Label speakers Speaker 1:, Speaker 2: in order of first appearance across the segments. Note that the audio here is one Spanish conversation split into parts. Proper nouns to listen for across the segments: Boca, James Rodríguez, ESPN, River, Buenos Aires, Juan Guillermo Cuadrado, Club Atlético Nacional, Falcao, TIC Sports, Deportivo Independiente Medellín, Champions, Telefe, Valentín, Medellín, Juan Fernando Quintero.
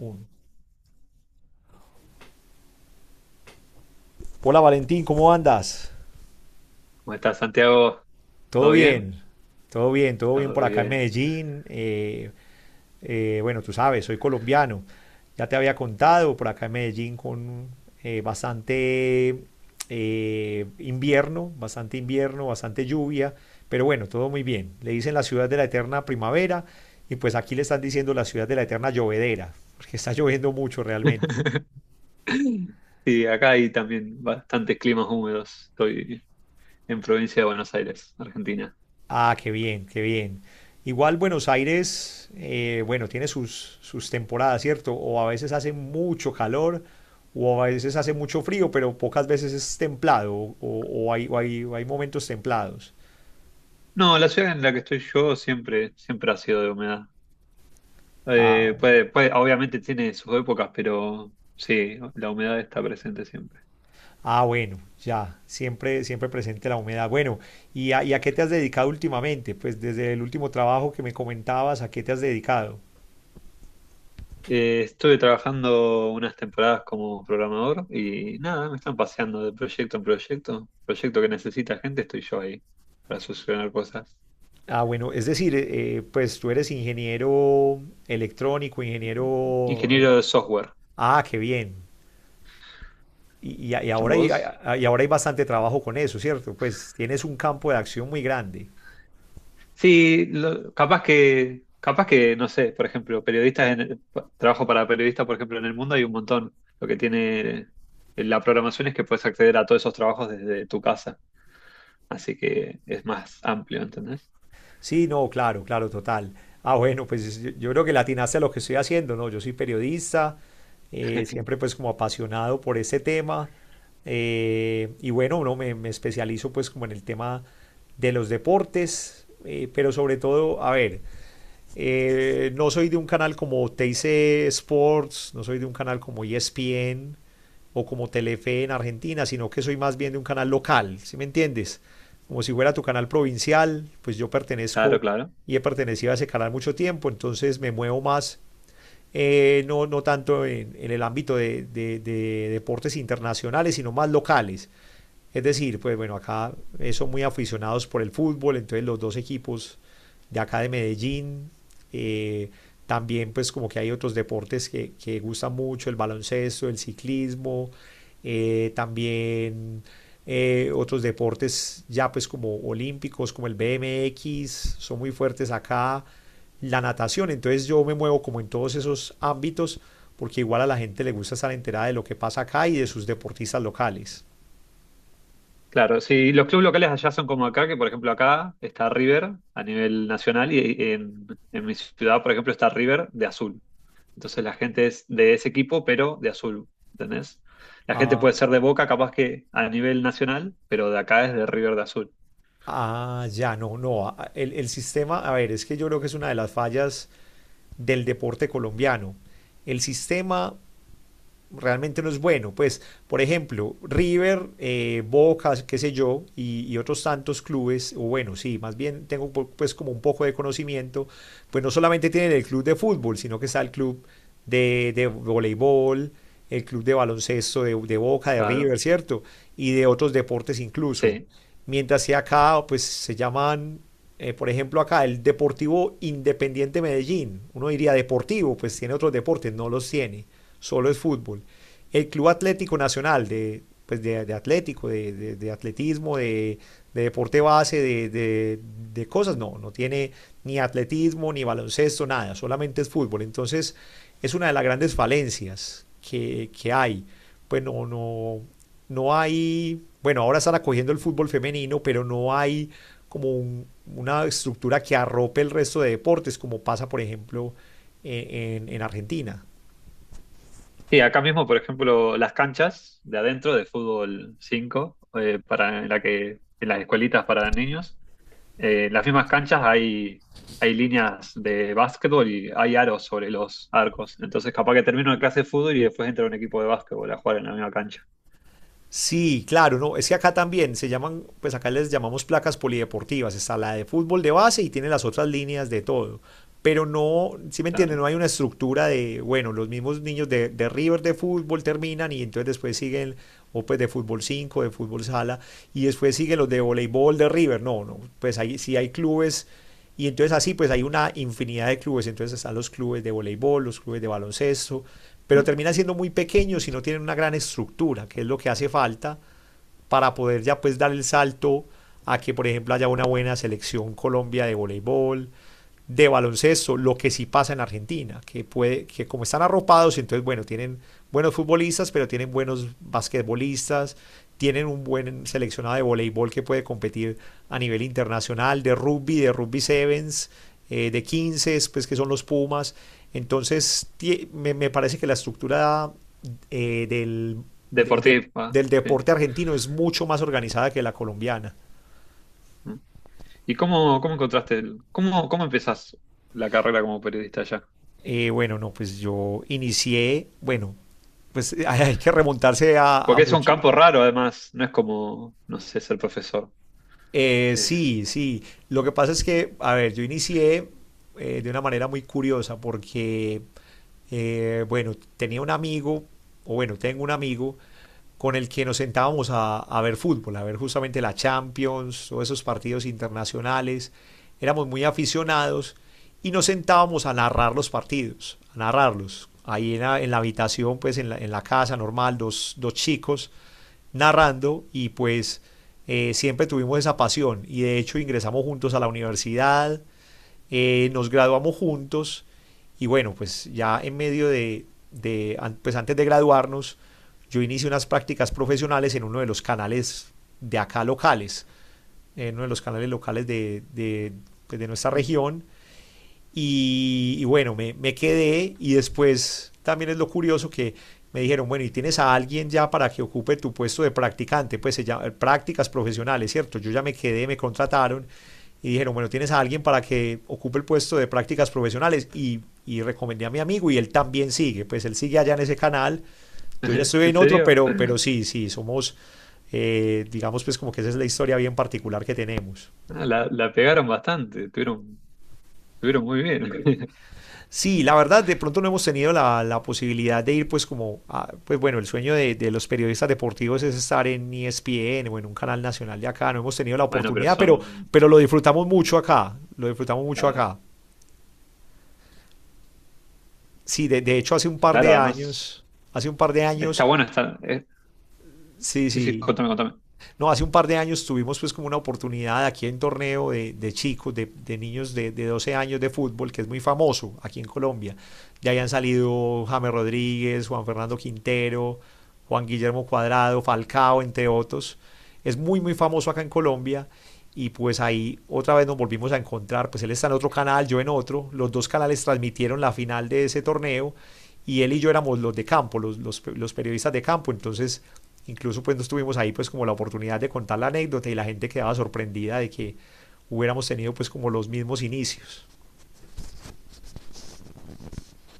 Speaker 1: Un. Hola Valentín, ¿cómo andas?
Speaker 2: ¿Cómo estás, Santiago?
Speaker 1: Todo
Speaker 2: ¿Todo bien?
Speaker 1: bien, todo bien
Speaker 2: Todo
Speaker 1: por acá en
Speaker 2: bien.
Speaker 1: Medellín. Bueno, tú sabes, soy colombiano. Ya te había contado por acá en Medellín con bastante invierno, bastante lluvia, pero bueno, todo muy bien. Le dicen la ciudad de la eterna primavera y pues aquí le están diciendo la ciudad de la eterna llovedera, porque está lloviendo mucho realmente.
Speaker 2: Sí, acá hay también bastantes climas húmedos. Estoy en provincia de Buenos Aires, Argentina.
Speaker 1: Ah, qué bien, qué bien. Igual Buenos Aires, bueno, tiene sus temporadas, ¿cierto? O a veces hace mucho calor, o a veces hace mucho frío, pero pocas veces es templado, o hay momentos templados.
Speaker 2: No, la ciudad en la que estoy yo siempre, siempre ha sido de humedad.
Speaker 1: Ah, bueno.
Speaker 2: Obviamente tiene sus épocas, pero sí, la humedad está presente siempre.
Speaker 1: Ah, bueno, ya, siempre, siempre presente la humedad. Bueno, ¿ y a qué te has dedicado últimamente? Pues desde el último trabajo que me comentabas, ¿a qué te has dedicado?
Speaker 2: Estuve trabajando unas temporadas como programador y nada, me están paseando de proyecto en proyecto. Proyecto que necesita gente, estoy yo ahí para solucionar cosas.
Speaker 1: Ah, bueno, es decir, pues tú eres ingeniero electrónico, ingeniero
Speaker 2: Ingeniero de software.
Speaker 1: Ah, qué bien. Y ahora
Speaker 2: ¿Vos?
Speaker 1: y ahora hay bastante trabajo con eso, ¿cierto? Pues tienes un campo de acción muy grande.
Speaker 2: Sí, capaz que, no sé, por ejemplo, periodistas trabajo para periodistas, por ejemplo, en el mundo hay un montón. Lo que tiene la programación es que puedes acceder a todos esos trabajos desde tu casa. Así que es más amplio, ¿entendés?
Speaker 1: Sí, no, claro, claro, total. Ah, bueno, pues yo creo que latinaste a lo que estoy haciendo, ¿no? Yo soy periodista, siempre pues como apasionado por ese tema. Y bueno, no, me especializo pues como en el tema de los deportes, pero sobre todo, a ver, no soy de un canal como TIC Sports, no soy de un canal como ESPN o como Telefe en Argentina, sino que soy más bien de un canal local, ¿sí me entiendes? Como si fuera tu canal provincial, pues yo
Speaker 2: Claro,
Speaker 1: pertenezco
Speaker 2: claro.
Speaker 1: y he pertenecido a ese canal mucho tiempo, entonces me muevo más no, no tanto en el ámbito de deportes internacionales, sino más locales. Es decir, pues bueno, acá son muy aficionados por el fútbol, entonces los dos equipos de acá de Medellín, eh, también pues como que hay otros deportes que gustan mucho, el baloncesto, el ciclismo, también otros deportes ya pues como olímpicos, como el BMX, son muy fuertes acá la natación. Entonces yo me muevo como en todos esos ámbitos porque igual a la gente le gusta estar enterada de lo que pasa acá y de sus deportistas locales.
Speaker 2: Claro, sí, los clubes locales allá son como acá, que por ejemplo acá está River a nivel nacional y en mi ciudad, por ejemplo, está River de azul. Entonces la gente es de ese equipo, pero de azul, ¿entendés? La gente puede
Speaker 1: Ah,
Speaker 2: ser de Boca, capaz que a nivel nacional, pero de acá es de River de azul,
Speaker 1: ah, ya, no, no. Ah, el sistema, a ver, es que yo creo que es una de las fallas del deporte colombiano. El sistema realmente no es bueno. Pues, por ejemplo, River, Boca, qué sé yo, y otros tantos clubes, o bueno, sí, más bien tengo pues como un poco de conocimiento, pues no solamente tienen el club de fútbol, sino que está el club de voleibol, el club de baloncesto de Boca, de
Speaker 2: claro.
Speaker 1: River, ¿cierto? Y de otros deportes incluso.
Speaker 2: Sí.
Speaker 1: Mientras que acá, pues se llaman por ejemplo, acá el Deportivo Independiente Medellín, uno diría deportivo, pues tiene otros deportes, no los tiene, solo es fútbol. El Club Atlético Nacional pues de, atlético, de atletismo, de deporte base, de cosas, no, no tiene ni atletismo, ni baloncesto, nada, solamente es fútbol. Entonces es una de las grandes falencias que hay. Pues no, no, no hay, bueno, ahora están acogiendo el fútbol femenino, pero no hay como un, una estructura que arrope el resto de deportes, como pasa, por ejemplo, en Argentina.
Speaker 2: Y acá mismo, por ejemplo, las canchas de adentro de fútbol 5, para en la que en las escuelitas para niños, en las mismas canchas hay líneas de básquetbol y hay aros sobre los arcos. Entonces, capaz que termino la clase de fútbol y después entra un equipo de básquetbol a jugar en la misma cancha.
Speaker 1: Sí, claro, no, es que acá también se llaman, pues acá les llamamos placas polideportivas, está la de fútbol de base y tiene las otras líneas de todo, pero no, si me entienden,
Speaker 2: Claro.
Speaker 1: no hay una estructura de, bueno, los mismos niños de River de fútbol terminan y entonces después siguen, o pues de fútbol 5, de fútbol sala, y después siguen los de voleibol de River, no, no, pues ahí sí hay clubes. Y entonces así pues hay una infinidad de clubes, entonces están los clubes de voleibol, los clubes de baloncesto, pero
Speaker 2: Mm.
Speaker 1: terminan siendo muy pequeños y no tienen una gran estructura, que es lo que hace falta para poder ya pues dar el salto a que por ejemplo haya una buena selección Colombia de voleibol, de baloncesto, lo que sí pasa en Argentina, que puede, que como están arropados, entonces bueno, tienen buenos futbolistas, pero tienen buenos basquetbolistas, tienen un buen seleccionado de voleibol que puede competir a nivel internacional, de rugby sevens, de 15, pues que son los Pumas. Entonces, me parece que la estructura eh, del, del, de
Speaker 2: Deportiva,
Speaker 1: del
Speaker 2: sí.
Speaker 1: deporte argentino es mucho más organizada que la colombiana.
Speaker 2: Mm. ¿Y cómo encontraste cómo empezás la carrera como periodista allá?
Speaker 1: Bueno, no, pues yo inicié, bueno, pues hay que remontarse a
Speaker 2: Porque es un
Speaker 1: mucho.
Speaker 2: campo raro, además, no es como, no sé, ser profesor. Es.
Speaker 1: Sí, sí. Lo que pasa es que, a ver, yo inicié de una manera muy curiosa porque, bueno, tenía un amigo, o bueno, tengo un amigo con el que nos sentábamos a ver fútbol, a ver justamente la Champions, todos esos partidos internacionales. Éramos muy aficionados y nos sentábamos a narrar los partidos, a narrarlos. Ahí en en la habitación, pues en en la casa normal, dos chicos narrando y pues siempre tuvimos esa pasión y de hecho ingresamos juntos a la universidad, nos graduamos juntos y bueno, pues ya en medio pues antes de graduarnos, yo inicié unas prácticas profesionales en uno de los canales de acá locales, en uno de los canales locales pues de nuestra región. Y bueno, me quedé y después también es lo curioso que me dijeron, bueno, ¿y tienes a alguien ya para que ocupe tu puesto de practicante? Pues se llama, prácticas profesionales, ¿cierto? Yo ya me quedé, me contrataron y dijeron, bueno, ¿tienes a alguien para que ocupe el puesto de prácticas profesionales? Y recomendé a mi amigo y él también sigue, pues él sigue allá en ese canal, yo ya estoy
Speaker 2: ¿En
Speaker 1: en otro,
Speaker 2: serio?
Speaker 1: pero sí, sí, somos, digamos, pues como que esa es la historia bien particular que tenemos.
Speaker 2: Ah, la pegaron bastante, tuvieron muy bien.
Speaker 1: Sí, la verdad, de pronto no hemos tenido la posibilidad de ir, pues como, a- pues bueno, el sueño de los periodistas deportivos es estar en ESPN o en un canal nacional de acá, no hemos tenido la
Speaker 2: Bueno, pero
Speaker 1: oportunidad,
Speaker 2: son,
Speaker 1: pero lo disfrutamos mucho acá, lo disfrutamos mucho
Speaker 2: claro,
Speaker 1: acá. Sí, de hecho hace un par
Speaker 2: claro,
Speaker 1: de
Speaker 2: además,
Speaker 1: años, hace un par de
Speaker 2: está
Speaker 1: años,
Speaker 2: bueno estar.
Speaker 1: sí,
Speaker 2: Sí, sí,
Speaker 1: sí,
Speaker 2: contame, contame.
Speaker 1: no, hace un par de años tuvimos pues como una oportunidad aquí en torneo de chicos, de niños 12 años de fútbol, que es muy famoso aquí en Colombia. Ya habían salido James Rodríguez, Juan Fernando Quintero, Juan Guillermo Cuadrado, Falcao, entre otros. Es muy, muy famoso acá en Colombia y pues ahí otra vez nos volvimos a encontrar, pues él está en otro canal, yo en otro, los dos canales transmitieron la final de ese torneo y él y yo éramos los de campo, los periodistas de campo, entonces incluso pues nos tuvimos ahí pues como la oportunidad de contar la anécdota y la gente quedaba sorprendida de que hubiéramos tenido pues como los mismos inicios.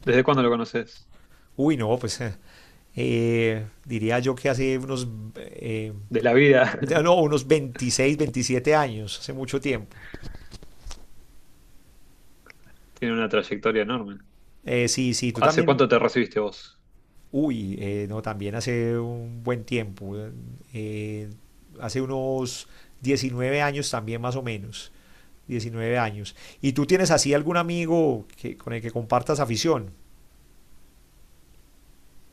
Speaker 2: ¿Desde cuándo lo conoces?
Speaker 1: Uy, no, pues diría yo que hace unos, eh,
Speaker 2: De la vida.
Speaker 1: no, unos 26 o 27 años, hace mucho tiempo.
Speaker 2: Tiene una trayectoria enorme.
Speaker 1: Sí, sí, tú
Speaker 2: ¿Hace
Speaker 1: también,
Speaker 2: cuánto te recibiste vos?
Speaker 1: uy, no, también hace un buen tiempo, eh, hace unos 19 años también más o menos, 19 años. ¿Y tú tienes así algún amigo que, con el que compartas afición?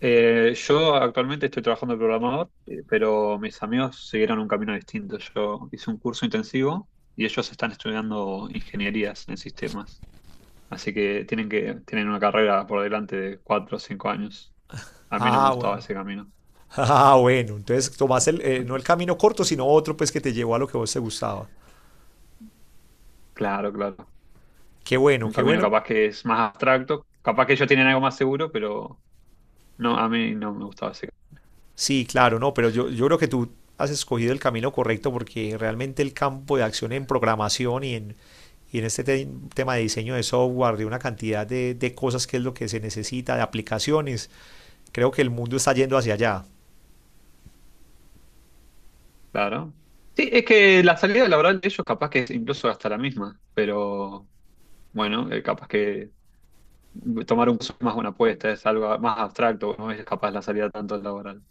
Speaker 2: Yo actualmente estoy trabajando de programador, pero mis amigos siguieron un camino distinto. Yo hice un curso intensivo y ellos están estudiando ingenierías en sistemas. Así que tienen una carrera por delante de 4 o 5 años. A mí no me
Speaker 1: Ah,
Speaker 2: gustaba
Speaker 1: bueno.
Speaker 2: ese camino.
Speaker 1: Ah, bueno, entonces tomaste el, no el camino corto, sino otro pues que te llevó a lo que a vos te gustaba.
Speaker 2: Claro, claro.
Speaker 1: Qué bueno,
Speaker 2: Un
Speaker 1: qué
Speaker 2: camino
Speaker 1: bueno.
Speaker 2: capaz que es más abstracto, capaz que ellos tienen algo más seguro, pero no, a mí no me gustaba ese camino.
Speaker 1: Sí, claro, no, pero yo creo que tú has escogido el camino correcto porque realmente el campo de acción en programación y en, y en este tema de diseño de software, de una cantidad de cosas que es lo que se necesita, de aplicaciones, creo que el mundo está yendo hacia allá.
Speaker 2: Claro. Sí, es que la salida laboral de ellos capaz que es incluso hasta la misma, pero bueno, capaz que tomar un curso es más una apuesta, es algo más abstracto, no es capaz la salida tanto laboral.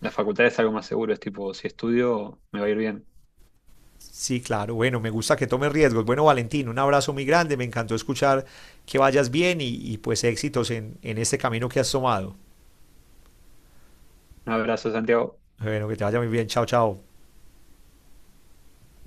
Speaker 2: La facultad es algo más seguro, es tipo, si estudio, me va a ir bien.
Speaker 1: Sí, claro, bueno, me gusta que tomes riesgos. Bueno, Valentín, un abrazo muy grande, me encantó escuchar que vayas bien y pues éxitos en este camino que has tomado.
Speaker 2: Un abrazo, Santiago.
Speaker 1: Bueno, que te vaya muy bien, chao, chao.